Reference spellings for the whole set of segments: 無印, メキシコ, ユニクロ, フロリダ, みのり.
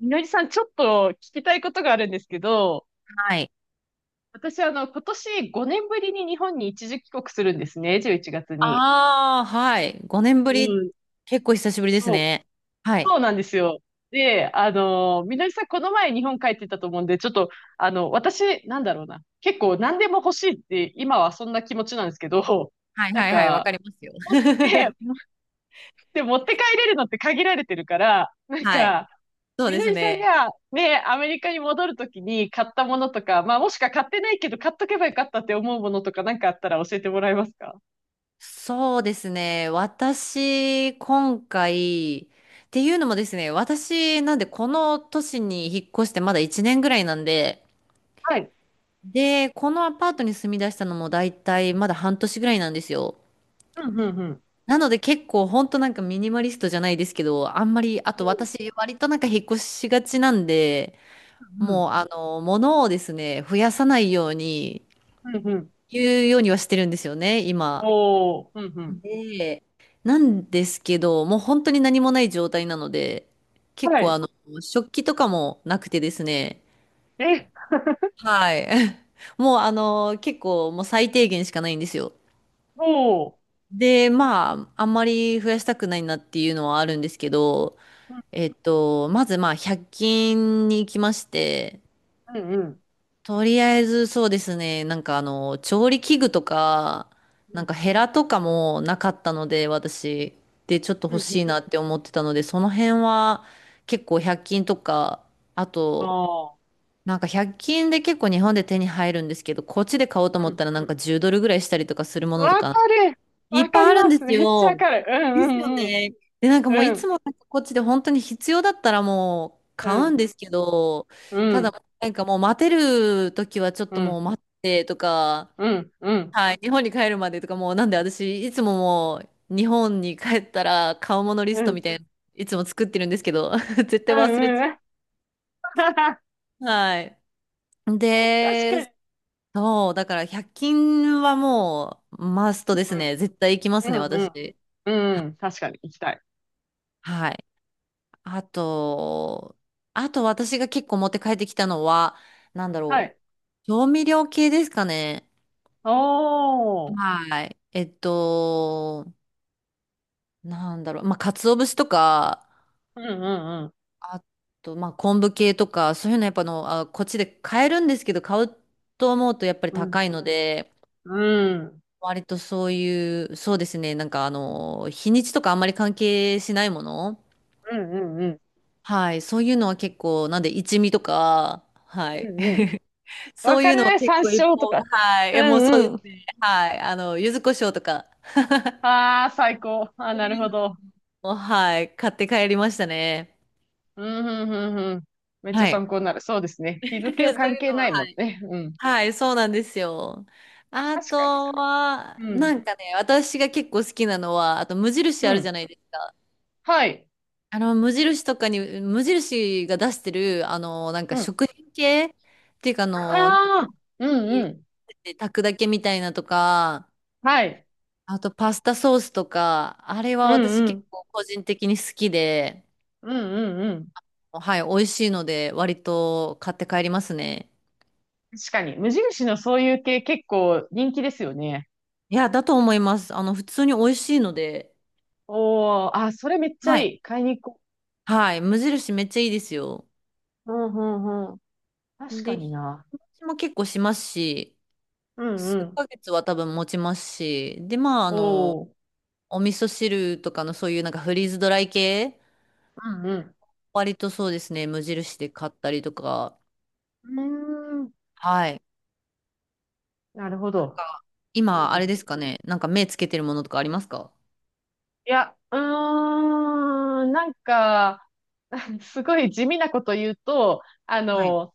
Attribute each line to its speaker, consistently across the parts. Speaker 1: みのりさん、ちょっと聞きたいことがあるんですけど、
Speaker 2: はい。
Speaker 1: 私、今年5年ぶりに日本に一時帰国するんですね、11月に。
Speaker 2: ああ、はい。5年ぶり、
Speaker 1: うん、
Speaker 2: 結構久しぶりです
Speaker 1: そう。
Speaker 2: ね。はい。
Speaker 1: そうなんですよ。で、みのりさん、この前日本帰ってたと思うんで、ちょっと、私、なんだろうな。結構何でも欲しいって、今はそんな気持ちなんですけど、
Speaker 2: はい
Speaker 1: なん
Speaker 2: はいはい、わか
Speaker 1: か、
Speaker 2: りますよ。
Speaker 1: ね、持って帰れるのって限られてるから、なん
Speaker 2: はい。
Speaker 1: か、
Speaker 2: そう
Speaker 1: み
Speaker 2: で
Speaker 1: の
Speaker 2: す
Speaker 1: りさん
Speaker 2: ね。
Speaker 1: がね、アメリカに戻るときに買ったものとか、まあもしか買ってないけど買っとけばよかったって思うものとかなんかあったら教えてもらえますか？
Speaker 2: そうですね。私、今回、っていうのもですね、私、なんで、この都市に引っ越してまだ1年ぐらいなんで、
Speaker 1: はい。
Speaker 2: で、このアパートに住み出したのも大体まだ半年ぐらいなんですよ。
Speaker 1: うん、うん、うん。
Speaker 2: なので結構ほんとなんかミニマリストじゃないですけど、あんまり、あ
Speaker 1: お
Speaker 2: と
Speaker 1: ー
Speaker 2: 私割となんか引っ越しがちなんで、
Speaker 1: うん、
Speaker 2: もう、あの、物をですね、増やさないように、
Speaker 1: うん、うん、うん。
Speaker 2: 言うようにはしてるんですよね、今。
Speaker 1: おー、うん、うん。
Speaker 2: で、なんですけど、もう本当に何もない状態なので、結
Speaker 1: は
Speaker 2: 構あ
Speaker 1: い。
Speaker 2: の、食器とかもなくてですね、
Speaker 1: え、
Speaker 2: はい。もうあの、結構もう最低限しかないんですよ。
Speaker 1: おー。
Speaker 2: で、まあ、あんまり増やしたくないなっていうのはあるんですけど、
Speaker 1: うん、
Speaker 2: まずまあ、1均に行きまして、
Speaker 1: うん、うん。
Speaker 2: とりあえずそうですね。なんかあの、調理器具とか、
Speaker 1: う
Speaker 2: なん
Speaker 1: ん、
Speaker 2: かヘラとかもなかったので、私。で、ちょっと
Speaker 1: うん、う
Speaker 2: 欲
Speaker 1: ん。
Speaker 2: しいなって思ってたので、その辺は結構100均とか、あ
Speaker 1: あ
Speaker 2: と、
Speaker 1: ー。
Speaker 2: なんか100均で結構日本で手に入るんですけど、こっちで買おうと思
Speaker 1: う
Speaker 2: っ
Speaker 1: ん。
Speaker 2: たらなんか10ドルぐらいしたりとかするものと
Speaker 1: わ
Speaker 2: か、
Speaker 1: かる。
Speaker 2: い
Speaker 1: わ
Speaker 2: っ
Speaker 1: か
Speaker 2: ぱい
Speaker 1: り
Speaker 2: あるん
Speaker 1: ま
Speaker 2: で
Speaker 1: す。
Speaker 2: す
Speaker 1: めっちゃわ
Speaker 2: よ。
Speaker 1: かる。う
Speaker 2: ですよ
Speaker 1: ん、うん、
Speaker 2: ね。で、なんかもう
Speaker 1: う
Speaker 2: いつ
Speaker 1: ん。
Speaker 2: もなんかこっちで本当に必要だったらもう
Speaker 1: う
Speaker 2: 買うん
Speaker 1: ん、
Speaker 2: ですけど、
Speaker 1: う
Speaker 2: た
Speaker 1: ん、
Speaker 2: だなんかもう待てる時はちょっ
Speaker 1: う
Speaker 2: と
Speaker 1: ん、
Speaker 2: もう待ってとか、
Speaker 1: うん、うん、
Speaker 2: はい、日本に帰るまでとかもうなんで私いつももう日本に帰ったら買うものリ
Speaker 1: う
Speaker 2: ス
Speaker 1: ん、うん、うん、う
Speaker 2: ト
Speaker 1: ん。
Speaker 2: みたいな、いつも作ってるんですけど、絶対忘れちゃ う。はい。
Speaker 1: 確か
Speaker 2: で、
Speaker 1: に。
Speaker 2: そう、だから100均はもうマストで
Speaker 1: う
Speaker 2: す
Speaker 1: ん
Speaker 2: ね。絶対行きま
Speaker 1: う
Speaker 2: すね、
Speaker 1: ん
Speaker 2: 私。
Speaker 1: うん。うん。確かに行きたい。
Speaker 2: はい。あと、あと私が結構持って帰ってきたのは、なんだ
Speaker 1: は
Speaker 2: ろ
Speaker 1: い。
Speaker 2: う。調味料系ですかね。
Speaker 1: おー。
Speaker 2: はい。なんだろう。まあ、鰹節とか、
Speaker 1: うんうん
Speaker 2: あと、まあ、昆布系とか、そういうのやっぱあの、あ、こっちで買えるんですけど、買うと思うとやっぱり
Speaker 1: うん。うん。
Speaker 2: 高いので、
Speaker 1: うん
Speaker 2: 割とそういう、そうですね。なんかあの、日にちとかあんまり関係しないもの。
Speaker 1: うんうん。
Speaker 2: はい。そういうのは結構、なんで一味とか、はい。
Speaker 1: うんうん。わ
Speaker 2: そう
Speaker 1: か
Speaker 2: いうのは
Speaker 1: る
Speaker 2: 結
Speaker 1: 山
Speaker 2: 構一
Speaker 1: 椒と
Speaker 2: 方
Speaker 1: か。
Speaker 2: はい。い
Speaker 1: う
Speaker 2: や、もうそうで
Speaker 1: んう
Speaker 2: す
Speaker 1: ん。
Speaker 2: ね。はい。あの、柚子胡椒とか、
Speaker 1: ああ、最高。ああ、
Speaker 2: そう
Speaker 1: なる
Speaker 2: いう
Speaker 1: ほ
Speaker 2: の
Speaker 1: ど。
Speaker 2: も、はい。買って帰りましたね。
Speaker 1: うんうんうんうん。めっちゃ
Speaker 2: はい。
Speaker 1: 参考になる。そうですね。日
Speaker 2: そう
Speaker 1: 付は
Speaker 2: い
Speaker 1: 関
Speaker 2: う
Speaker 1: 係
Speaker 2: の
Speaker 1: な
Speaker 2: は、
Speaker 1: いもん
Speaker 2: はい。
Speaker 1: ね。うん。
Speaker 2: はい、そうなんですよ。あ
Speaker 1: 確かに
Speaker 2: とは、
Speaker 1: な。う
Speaker 2: な
Speaker 1: ん。
Speaker 2: んかね、私が結構好きなのは、あと無印
Speaker 1: う
Speaker 2: あるじゃ
Speaker 1: ん。
Speaker 2: ないですか。
Speaker 1: はい。
Speaker 2: あの、無印とかに、無印が出してる、あの、なん
Speaker 1: う
Speaker 2: か
Speaker 1: ん。あ
Speaker 2: 食品系っていうか、あの、なんか、
Speaker 1: あ、う
Speaker 2: 入
Speaker 1: んうん。
Speaker 2: れて炊くだけみたいなとか、
Speaker 1: はい。
Speaker 2: あとパスタソースとか、あれ
Speaker 1: う
Speaker 2: は私
Speaker 1: んう
Speaker 2: 結
Speaker 1: ん。
Speaker 2: 構個人的に好きで、
Speaker 1: うんうんうん。
Speaker 2: はい、美味しいので割と買って帰りますね。
Speaker 1: 確かに。無印のそういう系結構人気ですよね。
Speaker 2: いや、だと思います。あの、普通に美味しいので、
Speaker 1: おー、あ、それめっちゃ
Speaker 2: はい。
Speaker 1: いい。買いに行こ
Speaker 2: はい、無印めっちゃいいですよ。
Speaker 1: う。うんうんうん。確か
Speaker 2: で、日
Speaker 1: にな。
Speaker 2: 持ちも結構しますし、
Speaker 1: うん
Speaker 2: 数
Speaker 1: うん。
Speaker 2: ヶ月は多分持ちますし、で、まあ、あの、
Speaker 1: おー、
Speaker 2: お味噌汁とかのそういうなんかフリーズドライ系、
Speaker 1: うんうん。
Speaker 2: 割とそうですね、無印で買ったりとか、
Speaker 1: うーん、
Speaker 2: はい、
Speaker 1: なるほ
Speaker 2: なん
Speaker 1: ど。
Speaker 2: か、
Speaker 1: いい
Speaker 2: 今、あ
Speaker 1: こ
Speaker 2: れ
Speaker 1: と
Speaker 2: ですかね。なんか目つけてるものとかありますか？
Speaker 1: いや、うーん、なんか、すごい地味なこと言うと、
Speaker 2: はい。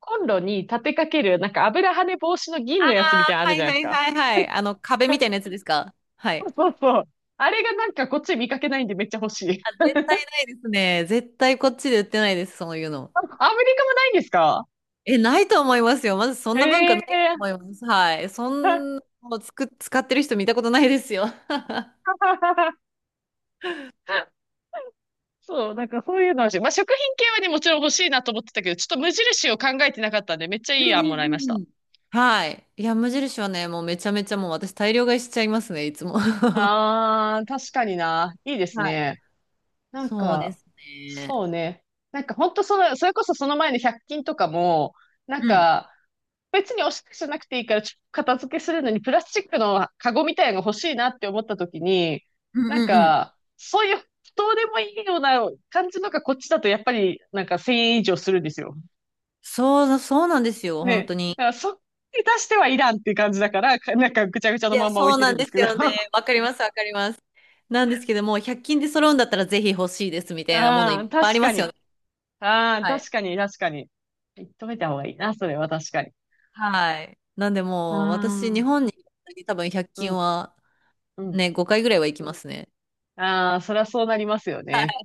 Speaker 1: コンロに立てかける、なんか油跳ね防止の
Speaker 2: あ
Speaker 1: 銀のやつみたいなのあ
Speaker 2: あ、は
Speaker 1: るじ
Speaker 2: い
Speaker 1: ゃない
Speaker 2: は
Speaker 1: です
Speaker 2: い
Speaker 1: か。
Speaker 2: はいはい。あの、壁みたいなや つですか？は
Speaker 1: そ
Speaker 2: い。
Speaker 1: うそうそう。あれがなんかこっち見かけないんでめっちゃ欲しい。
Speaker 2: あ、絶対ないですね。絶対こっちで売ってないです、そういうの。
Speaker 1: あアメリカもないんですか？
Speaker 2: え、ないと思いますよ。まずそんな文化な
Speaker 1: へ
Speaker 2: いと
Speaker 1: え。
Speaker 2: 思います。はい。そんなのつく、使ってる人見たことないですよ。
Speaker 1: そう、なんかそういうのはし、まあ、食品系はね、もちろん欲しいなと思ってたけど、ちょっと無印を考えてなかったんで、めっちゃいい
Speaker 2: うんう
Speaker 1: 案もら
Speaker 2: ん
Speaker 1: いま
Speaker 2: う
Speaker 1: し
Speaker 2: ん
Speaker 1: た。
Speaker 2: うん。はい。いや、無印はね、もうめちゃめちゃもう私大量買いしちゃいますね、いつも。は
Speaker 1: ああ、確かにな。いいです
Speaker 2: い。
Speaker 1: ね。なん
Speaker 2: そうで
Speaker 1: か、
Speaker 2: すね。
Speaker 1: そうね。なんか本当その、それこそその前の100均とかも、なん
Speaker 2: うん。
Speaker 1: か、別におしゃれじゃなくていいから、ちょっと片付けするのにプラスチックのカゴみたいなのが欲しいなって思った時に、
Speaker 2: うん
Speaker 1: なん
Speaker 2: うんうん。
Speaker 1: か、そういう、どうでもいいような感じのがこっちだとやっぱり、なんか1000円以上するんですよ。
Speaker 2: そう、そうなんですよ、本当
Speaker 1: ね、
Speaker 2: に。
Speaker 1: だからそっに出してはいらんっていう感じだから、かなんかぐちゃぐちゃ
Speaker 2: い
Speaker 1: のま
Speaker 2: や、
Speaker 1: んま置い
Speaker 2: そう
Speaker 1: て
Speaker 2: な
Speaker 1: るん
Speaker 2: ん
Speaker 1: で
Speaker 2: で
Speaker 1: す
Speaker 2: す
Speaker 1: けど。
Speaker 2: よね。わかります、わかります。なんですけども、100均で揃うんだったらぜひ欲しいですみたいなものい
Speaker 1: あ
Speaker 2: っ
Speaker 1: あ、
Speaker 2: ぱいあ
Speaker 1: 確
Speaker 2: りま
Speaker 1: か
Speaker 2: すよ
Speaker 1: に。
Speaker 2: ね。
Speaker 1: ああ、
Speaker 2: はい。
Speaker 1: 確かに、確かに。止めた方がいいな、それは確かに。
Speaker 2: はい。なんで
Speaker 1: あ
Speaker 2: もう、私、日
Speaker 1: あ、
Speaker 2: 本に多分100
Speaker 1: う
Speaker 2: 均
Speaker 1: ん、
Speaker 2: は
Speaker 1: うん。
Speaker 2: ね、5回ぐらいは行きますね。
Speaker 1: ああ、そりゃそうなりますよね。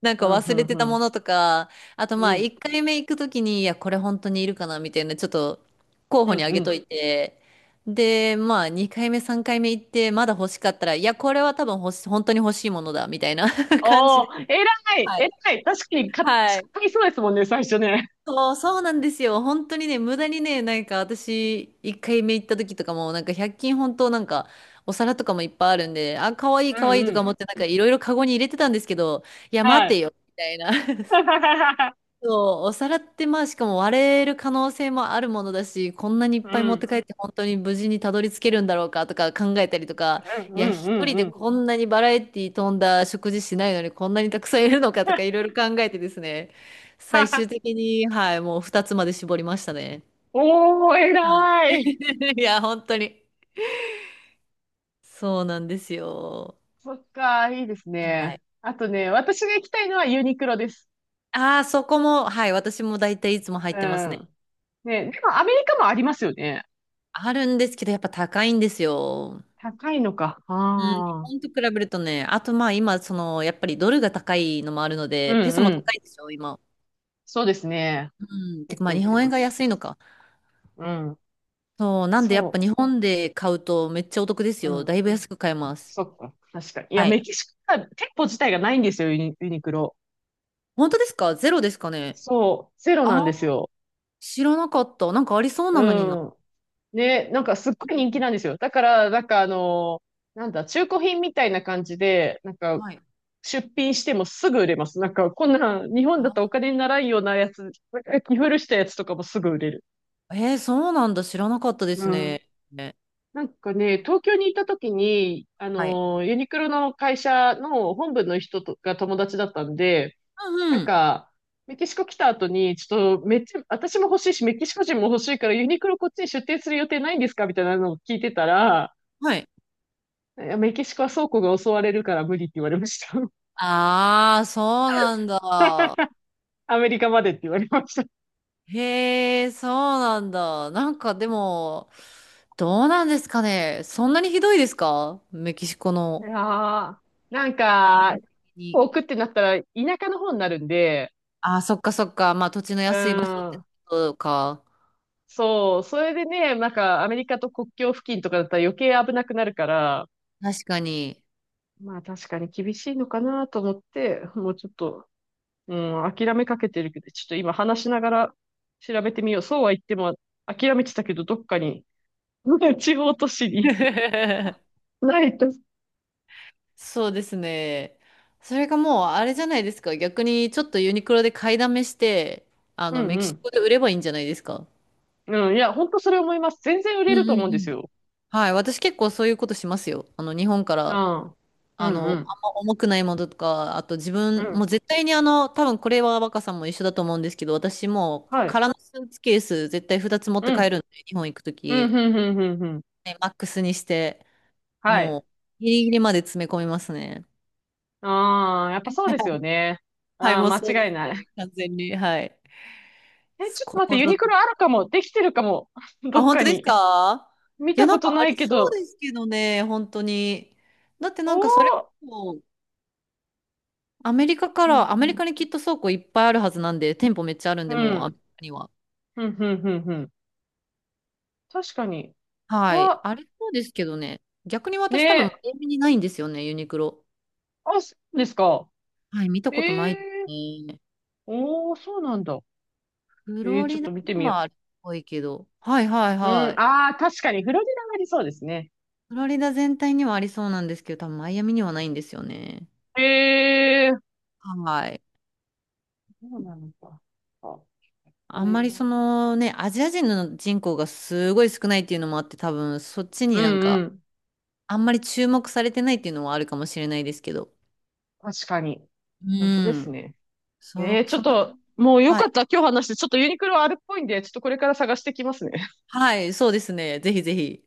Speaker 2: なん
Speaker 1: う
Speaker 2: か
Speaker 1: ん、う
Speaker 2: 忘れ
Speaker 1: ん、
Speaker 2: て
Speaker 1: う
Speaker 2: たも
Speaker 1: ん。
Speaker 2: のとか、あと
Speaker 1: う
Speaker 2: まあ
Speaker 1: ん、
Speaker 2: 1回目行くときに、いや、これ本当にいるかなみたいな、ちょっと候
Speaker 1: う
Speaker 2: 補に
Speaker 1: ん、
Speaker 2: あ
Speaker 1: う
Speaker 2: げと
Speaker 1: ん。
Speaker 2: いて、で、まあ2回目、3回目行って、まだ欲しかったら、いや、これは多分欲し、本当に欲しいものだ、みたいな 感じ
Speaker 1: お
Speaker 2: で。
Speaker 1: ー、偉い、
Speaker 2: はい。
Speaker 1: 偉い。確かに、か、
Speaker 2: はい。
Speaker 1: 買いそうですもんね、最初ね。
Speaker 2: そう、そうなんですよ。本当にね、無駄にね、なんか私、1回目行った時とかも、なんか100均本当なんか、お皿とかもいっぱいあるんで、あ、かわいい
Speaker 1: う
Speaker 2: かわ
Speaker 1: ん、
Speaker 2: いい
Speaker 1: う
Speaker 2: とか
Speaker 1: ん。
Speaker 2: 思って、なんかいろいろカゴに入れてたんですけど、いや、
Speaker 1: は
Speaker 2: 待て
Speaker 1: い。
Speaker 2: よ、みたいな。そう、お皿ってまあしかも割れる可能性もあるものだし、こんなにいっ
Speaker 1: う
Speaker 2: ぱい持って
Speaker 1: ん、
Speaker 2: 帰って本当に無事にたどり着けるんだろうかとか考えたりとか、
Speaker 1: うん、
Speaker 2: い
Speaker 1: うん、う
Speaker 2: や、一
Speaker 1: ん、
Speaker 2: 人
Speaker 1: う
Speaker 2: で
Speaker 1: ん。
Speaker 2: こんなにバラエティ飛んだ食事しないのにこんなにたくさんいるのかとかいろいろ考えてですね、最終 的に、はい、もう2つまで絞りましたね。
Speaker 1: おー、
Speaker 2: はい。
Speaker 1: 偉い。
Speaker 2: いや、本当に。そうなんですよ。
Speaker 1: そっか、いいです
Speaker 2: は
Speaker 1: ね。
Speaker 2: い。
Speaker 1: あとね、私が行きたいのはユニクロです。
Speaker 2: ああ、そこも、はい、私も大体いつも入
Speaker 1: う
Speaker 2: ってますね。
Speaker 1: ん。ね、でもアメリカもありますよね。
Speaker 2: あるんですけど、やっぱ高いんですよ。
Speaker 1: 高いのか。
Speaker 2: うん、日
Speaker 1: ああ。
Speaker 2: 本と比べるとね、あとまあ今、その、やっぱりドルが高いのもあるの
Speaker 1: う
Speaker 2: で、ペ
Speaker 1: ん
Speaker 2: ソも
Speaker 1: うん。
Speaker 2: 高いでしょ、今。
Speaker 1: そうですね。
Speaker 2: うん、て
Speaker 1: 結
Speaker 2: かまあ
Speaker 1: 構行
Speaker 2: 日
Speaker 1: って
Speaker 2: 本円
Speaker 1: ま
Speaker 2: が
Speaker 1: す。
Speaker 2: 安いのか。
Speaker 1: うん。
Speaker 2: そう、なんでやっぱ
Speaker 1: そ
Speaker 2: 日本で買うとめっちゃお得です
Speaker 1: う。う
Speaker 2: よ。
Speaker 1: ん。
Speaker 2: だいぶ安く買えます。
Speaker 1: そっか。確かに。いや、
Speaker 2: は
Speaker 1: メ
Speaker 2: い。
Speaker 1: キシコは店舗自体がないんですよ、ユニクロ。
Speaker 2: 本当ですか？ゼロですかね？
Speaker 1: そう。ゼロなん
Speaker 2: あ
Speaker 1: で
Speaker 2: ー、
Speaker 1: すよ。
Speaker 2: 知らなかった。なんかありそう
Speaker 1: う
Speaker 2: なのにな。
Speaker 1: ん。ね、なんかすっ
Speaker 2: うん
Speaker 1: ごい人気
Speaker 2: うん、
Speaker 1: なんですよ。だから、なんかあのーなんだ、中古品みたいな感じで、なんか
Speaker 2: はい。
Speaker 1: 出品してもすぐ売れます。なんか、こんな日本だ
Speaker 2: あ
Speaker 1: とお金にならんようなやつ、着古したやつとかもすぐ売れる。
Speaker 2: ー、えー、そうなんだ。知らなかったで
Speaker 1: う
Speaker 2: す
Speaker 1: ん。
Speaker 2: ね。ね、
Speaker 1: なんかね、東京にいた時に、
Speaker 2: はい。
Speaker 1: ユニクロの会社の本部の人とが友達だったんで、
Speaker 2: うん
Speaker 1: なん
Speaker 2: うん。
Speaker 1: か、メキシコ来た後に、ちょっと、めっちゃ、私も欲しいし、メキシコ人も欲しいから、ユニクロこっちに出店する予定ないんですかみたいなのを聞いてたら、
Speaker 2: はい。
Speaker 1: いやメキシコは倉庫が襲われるから無理って言われました。
Speaker 2: ああ、そうなんだ。
Speaker 1: アメリカまでって言われました。
Speaker 2: へえ、そうなんだ。なんかでも、どうなんですかね。そんなにひどいですか？メキシコ
Speaker 1: い
Speaker 2: の。
Speaker 1: やー、なん
Speaker 2: う
Speaker 1: か、
Speaker 2: ん、に、
Speaker 1: 置くってなったら田舎の方になるんで、
Speaker 2: あ、そっかそっか。まあ土地の
Speaker 1: う
Speaker 2: 安い場所って
Speaker 1: ん、
Speaker 2: ことか。
Speaker 1: そう、それでね、なんかアメリカと国境付近とかだったら余計危なくなるから、
Speaker 2: 確かに。
Speaker 1: まあ確かに厳しいのかなと思って、もうちょっと、うん、諦めかけてるけど、ちょっと今話しながら調べてみよう。そうは言っても諦めてたけど、どっかに、地方都市に ないと。
Speaker 2: そうですね。それがもうあれじゃないですか。逆にちょっとユニクロで買いだめして、あ
Speaker 1: う
Speaker 2: の、
Speaker 1: ん
Speaker 2: メ
Speaker 1: う
Speaker 2: キシ
Speaker 1: ん。
Speaker 2: コで売ればいいんじゃないですか。
Speaker 1: うん、いや、本当それ思います。全然売
Speaker 2: う
Speaker 1: れ
Speaker 2: ん
Speaker 1: ると思
Speaker 2: う
Speaker 1: うん
Speaker 2: んう
Speaker 1: です
Speaker 2: ん。
Speaker 1: よ。
Speaker 2: はい。私結構そういうことしますよ。あの、日本か
Speaker 1: うん。
Speaker 2: ら
Speaker 1: ああう
Speaker 2: あ
Speaker 1: んう
Speaker 2: の、あん
Speaker 1: ん。
Speaker 2: ま重くないものとか、あと自
Speaker 1: う
Speaker 2: 分、も
Speaker 1: ん。
Speaker 2: う絶対にあの、多分これは若さんも一緒だと思うんですけど、私も
Speaker 1: はい。
Speaker 2: 空のスーツケース絶対2つ持っ
Speaker 1: う
Speaker 2: て帰
Speaker 1: ん。
Speaker 2: るんで、日本行くと
Speaker 1: うん、
Speaker 2: き、
Speaker 1: ふんふんふんふん。
Speaker 2: ねマックスにして、
Speaker 1: はい。
Speaker 2: もうギリギリまで詰め込みますね。
Speaker 1: ああ、やっぱそうですよ ね。
Speaker 2: はい、
Speaker 1: ああ、
Speaker 2: もう
Speaker 1: 間
Speaker 2: そうで
Speaker 1: 違
Speaker 2: す
Speaker 1: いない。
Speaker 2: ね、完全に。はい。
Speaker 1: え、ちょっと
Speaker 2: こ
Speaker 1: 待って、
Speaker 2: こ
Speaker 1: ユ
Speaker 2: ぞ
Speaker 1: ニク
Speaker 2: と。
Speaker 1: ロあるかも。できてるかも。ど
Speaker 2: あ、
Speaker 1: っ
Speaker 2: 本
Speaker 1: か
Speaker 2: 当です
Speaker 1: に。
Speaker 2: か？
Speaker 1: 見
Speaker 2: いや、
Speaker 1: た
Speaker 2: な
Speaker 1: こ
Speaker 2: ん
Speaker 1: と
Speaker 2: かあ
Speaker 1: ない
Speaker 2: り
Speaker 1: け
Speaker 2: そう
Speaker 1: ど。
Speaker 2: ですけどね、本当に。だって
Speaker 1: お
Speaker 2: なんかそれ
Speaker 1: お。
Speaker 2: こそ、
Speaker 1: うん、
Speaker 2: ア
Speaker 1: う
Speaker 2: メリ
Speaker 1: ん。
Speaker 2: カにきっと倉庫いっぱいあるはずなんで、店舗めっちゃあるん
Speaker 1: う
Speaker 2: で、もうアメ
Speaker 1: ん、
Speaker 2: リカには。
Speaker 1: うん、うん、うん。うん確かに。
Speaker 2: はい。
Speaker 1: わ、
Speaker 2: あれそうですけどね。逆に
Speaker 1: ね
Speaker 2: 私多分、マ
Speaker 1: え。
Speaker 2: イアミにないんですよね、ユニクロ。
Speaker 1: あ、そうですか。
Speaker 2: はい、見た
Speaker 1: え
Speaker 2: ことないです
Speaker 1: えー。
Speaker 2: ね。
Speaker 1: おお、そうなんだ。
Speaker 2: フ
Speaker 1: ええー、
Speaker 2: ロ
Speaker 1: ちょっ
Speaker 2: リ
Speaker 1: と
Speaker 2: ダ
Speaker 1: 見て
Speaker 2: に
Speaker 1: みよ
Speaker 2: はあるっぽいけど。はいはい
Speaker 1: う。う
Speaker 2: は
Speaker 1: ん、
Speaker 2: い。
Speaker 1: ああ、確かに、フロリダがありそうですね。
Speaker 2: フロリダ全体にはありそうなんですけど、多分マイアミにはないんですよね。
Speaker 1: ええー。
Speaker 2: はい。
Speaker 1: そうなのか。あ
Speaker 2: あ
Speaker 1: ね
Speaker 2: んま
Speaker 1: え
Speaker 2: りそのね、アジア人の人口がすごい少ないっていうのもあって、多分そっち
Speaker 1: う
Speaker 2: になん
Speaker 1: んう
Speaker 2: か、
Speaker 1: ん
Speaker 2: あんまり注目されてないっていうのもあるかもしれないですけど。
Speaker 1: 確かに。
Speaker 2: う
Speaker 1: 本当です
Speaker 2: ん。
Speaker 1: ね。えー、ちょ
Speaker 2: そ
Speaker 1: っ
Speaker 2: の辺、
Speaker 1: と、もうよ
Speaker 2: は
Speaker 1: かっ
Speaker 2: い。
Speaker 1: た。今日話して、ちょっとユニクロはあるっぽいんで、ちょっとこれから探してきますね。
Speaker 2: はい、そうですね。ぜひぜひ。